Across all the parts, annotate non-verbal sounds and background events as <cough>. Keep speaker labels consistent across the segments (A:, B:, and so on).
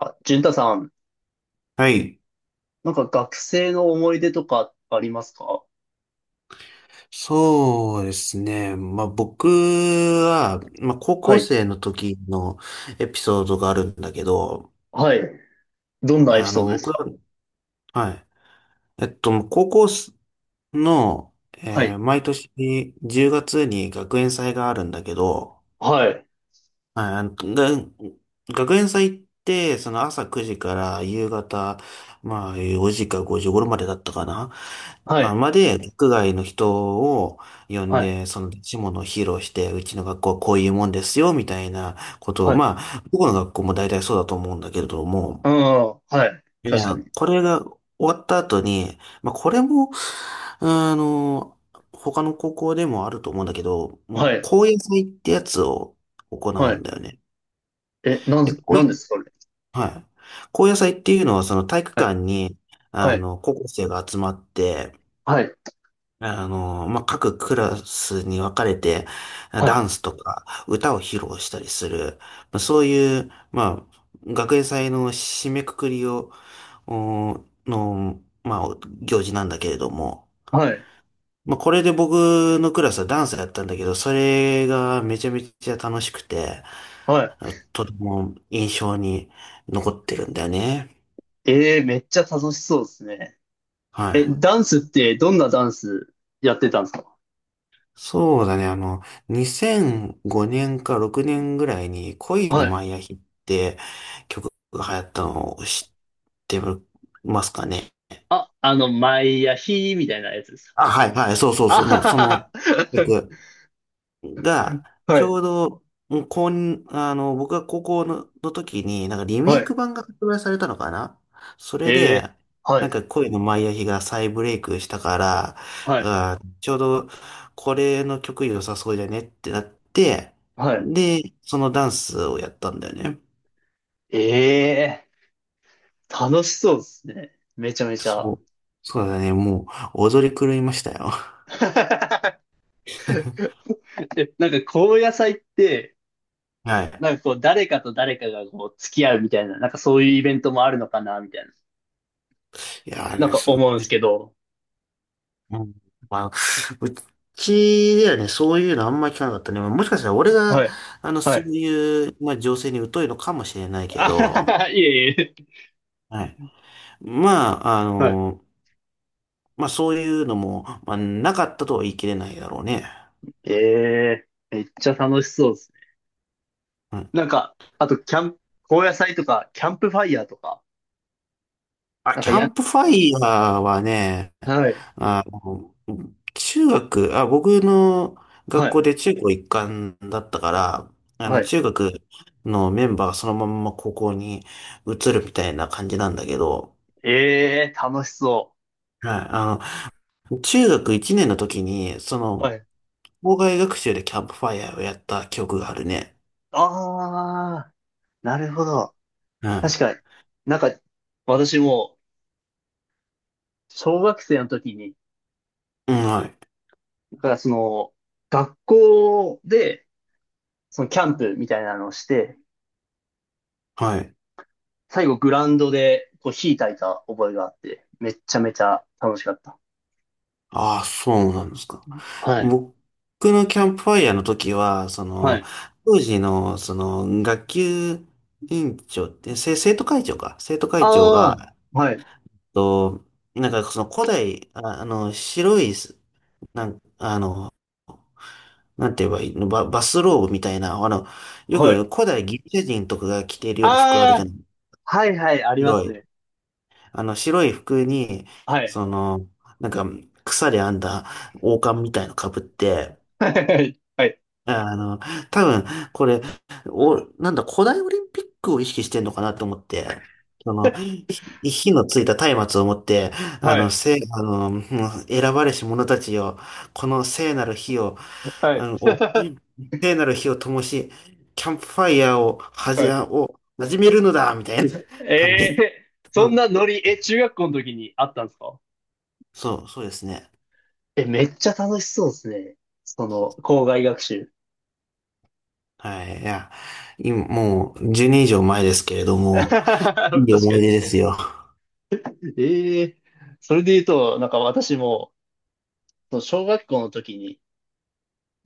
A: あ、淳太さん、
B: はい。
A: なんか学生の思い出とかありますか？
B: そうですね。まあ、僕は、まあ、高
A: は
B: 校
A: い。
B: 生の時のエピソードがあるんだけど、
A: はい。どんなエピソードで
B: 僕
A: す
B: は、
A: か？
B: はい。高校の、
A: はい。
B: 毎年10月に学園祭があるんだけど、
A: はい。
B: はい、学園祭って、その朝9時から夕方、まあ4時か5時頃までだったかな。
A: は
B: あ、
A: い。
B: まで、学外の人を呼ん
A: はい。
B: で、その出し物を披露して、うちの学校はこういうもんですよ、みたいなこと
A: は
B: を、
A: い。
B: まあ、どこの学校も大体そうだと思うんだけれども、
A: うん。はい。
B: い
A: 確か
B: や、
A: に。
B: これが終わった後に、まあ、これも、あの、他の高校でもあると思うんだけど、も
A: は
B: う、
A: い。
B: 高野祭ってやつを行う
A: はい。
B: んだよね。
A: え、
B: で、こう
A: なん
B: い
A: で
B: う、
A: すかそれ。
B: はい。高野祭っていうのは、その体育
A: はい。
B: 館に、
A: はい。
B: 高校生が集まって、
A: はい。
B: まあ、各クラスに分かれて、
A: はい。
B: ダンスとか歌を披露したりする、まあ、そういう、まあ、学園祭の締めくくりを、まあ、行事なんだけれども、
A: はい。
B: まあ、これで僕のクラスはダンスやったんだけど、それがめちゃめちゃ楽しくて、
A: は
B: とても印象に残ってるんだよね。
A: い。えー、めっちゃ楽しそうですね。
B: は
A: え、
B: い。
A: ダンスってどんなダンスやってたんですか？
B: そうだね。2005年か6年ぐらいに恋の
A: はい。
B: マイアヒって曲が流行ったのを知ってますかね？
A: あ、あの、毎夜日みたいなやつです。
B: あ、はい、はい。そうそう、そ
A: あは
B: の、その
A: はは
B: 曲。が、
A: は。
B: ち
A: はい。
B: ょうど、もうこん、あの、僕が高校の時に、なんかリメ
A: は
B: イク
A: い。
B: 版が発売されたのかな。それで、
A: えー、は
B: なん
A: い。
B: か恋のマイアヒが再ブレイクしたから、
A: はい。
B: ちょうどこれの曲良さそうじゃねってなって、
A: は
B: で、そのダンスをやったんだよね。
A: い。ええ、楽しそうですね。めちゃめちゃ。
B: そう。そうだね。もう踊り狂いましたよ。
A: <laughs> え、なんか高野菜って、
B: はい。
A: なんかこう誰かと誰かがこう付き合うみたいな、なんかそういうイベントもあるのかな、みたいな。
B: いやー
A: なん
B: ね、
A: か
B: すう
A: 思うんですけど。
B: うん、まあ、<laughs> うちではね、そういうのあんまり聞かなかったね。もしかしたら俺が、
A: はい。は
B: そう
A: い。
B: いう、まあ、情勢に疎いのかもしれない
A: <laughs>
B: け
A: あはは
B: ど、
A: は、いえいえ。
B: はい。まあ、
A: はい。
B: まあ、そういうのも、まあ、なかったとは言い切れないだろうね。
A: ええ、めっちゃ楽しそうですね。
B: うん
A: なんか、あとキャンプ、高野菜とか、キャンプファイヤーとか、
B: あ、
A: なん
B: キ
A: か
B: ャ
A: や、
B: ンプファイヤーはね、
A: はい。
B: あの、中学、あ、僕の
A: は
B: 学校
A: い。
B: で中高一貫だったから、
A: はい。
B: 中学のメンバーがそのまんま高校に移るみたいな感じなんだけど、
A: ええ、楽しそ
B: はい、中学1年の時に、そ
A: う。
B: の、
A: はい。
B: 校外学習でキャンプファイヤーをやった記憶があるね。
A: ああ。なるほど。確
B: は
A: かに。なんか、私も、小学生の時に、
B: い。うん、はい。
A: だからその、学校で、そのキャンプみたいなのをして、
B: はい。
A: 最後グラウンドで、こう、火焚いた覚えがあって、めっちゃめちゃ楽しかった。
B: ああ、そうなんですか？
A: はい。
B: 僕のキャンプファイヤーの時は、そ
A: は
B: の、
A: い。
B: 当時の、その、学級委員長って、生徒会長か。生徒会長が、
A: ああ、はい。
B: っと、なんかその古代、あ、あの、白いす、なん、あの、なんて言えばいいの、バスローブみたいな、よ
A: は
B: く
A: い。
B: 古代ギリシャ人とかが着ているような服あるじゃ
A: ああ、
B: ない。
A: はいはい、ありま
B: 白
A: す
B: い。
A: ね。
B: 白い服に、
A: はい。
B: その、なんか、草で編んだ王冠みたいの被って、
A: はい。はい。
B: あの、多分、これ、お、なんだ、古代オリンピックを意識してんのかなと思って、その、火のついた松明を持って、あ
A: は
B: の、
A: い。
B: せ、あの、もう選ばれし者たちよ、この聖なる火を、
A: は
B: あ
A: い。
B: の、を
A: <laughs>
B: 聖なる火を灯し、キャンプファイヤーを、は
A: は
B: じ、
A: い
B: を始めるのだみたいな
A: え
B: <laughs> 感
A: <laughs>
B: じ。
A: え、
B: <laughs> う
A: そん
B: ん
A: なノリ、え、中学校の時にあったんですか？
B: そう、そうですね。
A: え、めっちゃ楽しそうですね。その、校外学習。
B: はい、いや、今、もう、10年以上前ですけれど
A: <laughs> 確
B: も、
A: か
B: い
A: に、
B: い思い
A: 確
B: 出です
A: か
B: よ。
A: に。ええ、それで言うと、なんか私も、その小学校の時に、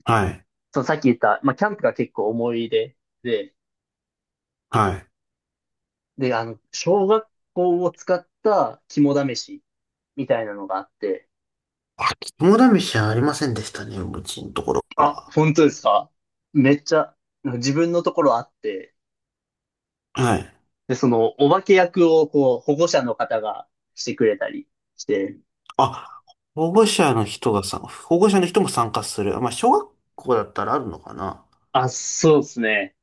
B: はい、
A: そのさっき言った、まあ、キャンプが結構思い出で、
B: はい。
A: で、あの、小学校を使った肝試しみたいなのがあって、
B: あ、肝試しはありませんでしたね、うちのところ
A: あ、
B: は。
A: 本当ですか？めっちゃ、自分のところあって、
B: はい。
A: で、その、お化け役を、こう、保護者の方がしてくれたりして、
B: あ、保護者の人がさ、保護者の人も参加する。まあ、小学校だったらあるのかな。
A: あ、そうですね。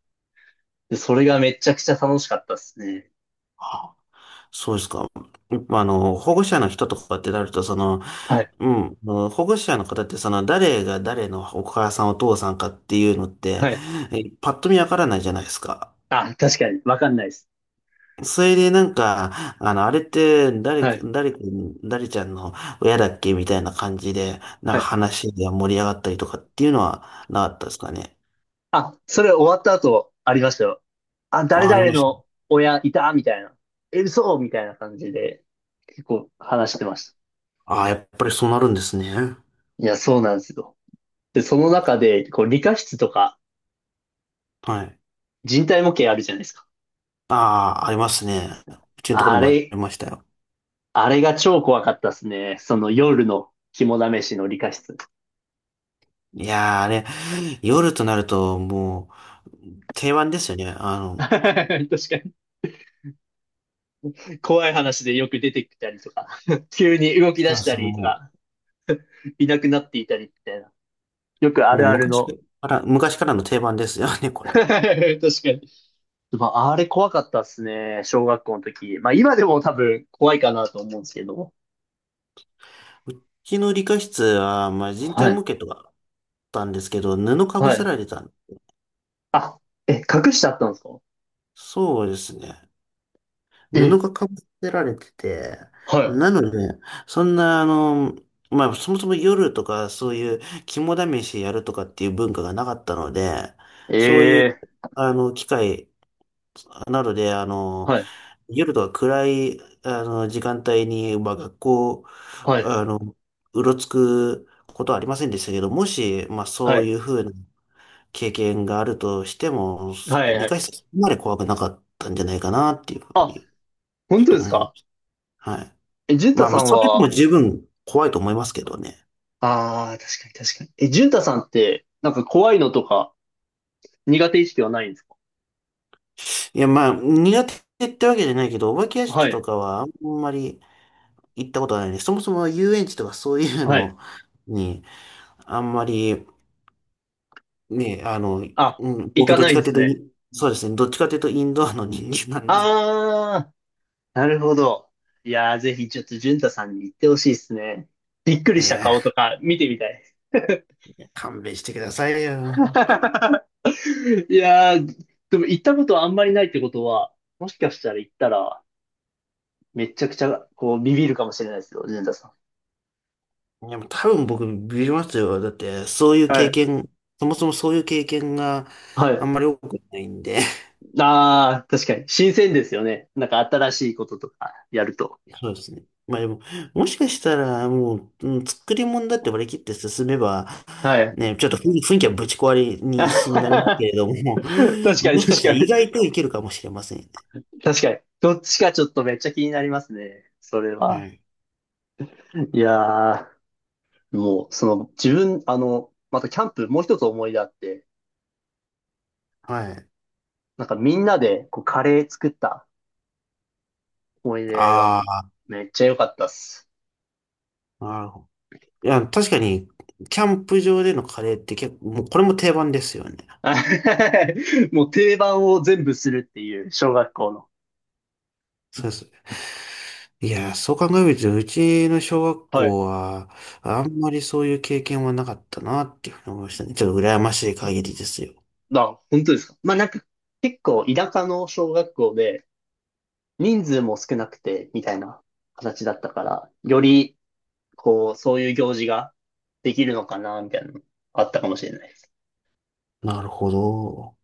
A: で、それがめちゃくちゃ楽しかったですね。
B: あ、そうですか？まあの、保護者の人とかってなると、その、
A: はい。
B: 保護者の方って、その、誰が誰のお母さん、お父さんかっていうのって、
A: はい。
B: パッと見わからないじゃないですか。
A: あ、確かに、わかんないです。
B: それでなんか、あれって誰
A: は
B: か、
A: い。
B: 誰か、誰ちゃんの親だっけみたいな感じで、なん
A: は
B: か
A: い。
B: 話が盛り上がったりとかっていうのはなかったですかね？
A: あ、それ終わった後、ありましたよ。あ、誰
B: あ、あり
A: 々
B: まし
A: の
B: た。
A: 親いたみたいな。え、嘘みたいな感じで、結構話してました。
B: あ、やっぱりそうなるんですね。
A: いや、そうなんですよ。で、その中で、こう、理科室とか、
B: はい。
A: 人体模型あるじゃないですか。
B: ああ、ありますね。うちのところ
A: あ
B: にもあり
A: れ、
B: ましたよ。
A: あれが超怖かったですね。その夜の肝試しの理科室。
B: いやー、あれ、夜となるともう定番ですよね。
A: <laughs> 確かに。怖い話でよく出てきたりとか、<laughs> 急に動き出
B: そう
A: した
B: そう、
A: りと
B: も
A: か、いなくなっていたりみたいな。よくあ
B: う、もう
A: るある
B: 昔か
A: の。
B: ら、昔からの定番ですよね、
A: <laughs>
B: これ。
A: 確かに。まあ、あれ怖かったっすね。小学校の時。まあ、今でも多分怖いかなと思うんですけど。
B: うちの理科室は、まあ、人
A: は
B: 体模
A: い。
B: 型とかたんですけど、布かぶ
A: は
B: せ
A: い。
B: られてたん。
A: あ、え、隠してあったんですか？
B: そうですね。布
A: え、
B: がかぶせられてて、
A: は
B: なので、そんな、まあ、そもそも夜とか、そういう肝試しやるとかっていう文化がなかったので、
A: い。
B: そういう、
A: ええ、
B: 機会などで、
A: はい。
B: 夜とか暗い、時間帯に、まあ、学校、
A: はい。
B: あの、うろつくことはありませんでしたけど、もし、まあ、
A: は
B: そう
A: い。
B: いうふうな、経験があるとしても、
A: はい。は
B: 理
A: い。
B: 解するそこまで怖くなかったんじゃないかなっていうふう
A: あ、
B: に、ち
A: 本当
B: ょっ
A: で
B: と
A: す
B: 思いま
A: か？
B: す。はい。
A: え、淳太
B: まあま
A: さ
B: あ、
A: ん
B: それでも
A: は、
B: 十分怖いと思いますけどね。
A: ああ、確かに、確かに。え、淳太さんって、なんか怖いのとか苦手意識はないんですか？
B: いや、まあ、苦手ってわけじゃないけど、お化け屋
A: は
B: 敷
A: い。
B: とかはあんまり行ったことないね。そもそも遊園地とかそういう
A: はい。
B: のに、あんまり、ね、
A: あ、行
B: 僕
A: か
B: どっ
A: な
B: ち
A: いんで
B: かとい
A: す
B: うと
A: ね。
B: そうですね、どっちかというとインドアの人間なんで、
A: ああ、なるほど。いやー、ぜひちょっと淳太さんに言ってほしいですね。びっくりした顔
B: ね
A: とか見てみたい。
B: え、勘弁してくださいよ。
A: <laughs> いやー、でも行ったことはあんまりないってことは、もしかしたら行ったら、めちゃくちゃ、こう、ビビるかもしれないですよ、淳太さん。
B: いや、もう多分僕ビビりますよ。だって、そういう
A: は
B: 経
A: い。
B: 験、そもそもそういう経験が
A: は
B: あ
A: い。
B: んまり多くないんで。
A: ああ、確かに。新鮮ですよね。なんか新しいこととかやると。
B: <laughs> そうですね。まあでも、もしかしたら、もう、作り物だって割り切って進めば、
A: はい。
B: ね、ちょっと雰囲気はぶち壊れ
A: <laughs>
B: にしになりますけ
A: 確
B: れども、
A: かに、確か
B: <laughs> もしかしたら意
A: に。
B: 外といけるかもしれませんよ
A: 確かに。どっちかちょっとめっちゃ気になりますね。それは。
B: ね。
A: いやー。もう、その、自分、あの、またキャンプ、もう一つ思い出あって、
B: はい。はい。
A: なんかみんなで、こう、カレー作った思い出が、
B: あ
A: めっちゃ良かったっす。
B: あ、なるほど。いや、確かに、キャンプ場でのカレーって結構、もうこれも定番ですよね。
A: <laughs> もう定番を全部するっていう、小学校の。
B: そうそう。いやー、そう考えると、うちの小学
A: はい。
B: 校は、あんまりそういう経験はなかったなっていうふうに思いましたね。ちょっと羨ましい限りですよ。
A: あ、本当ですか。まあ、なんか、結構、田舎の小学校で、人数も少なくて、みたいな形だったから、より、こう、そういう行事ができるのかな、みたいなの、あったかもしれない。
B: なるほど。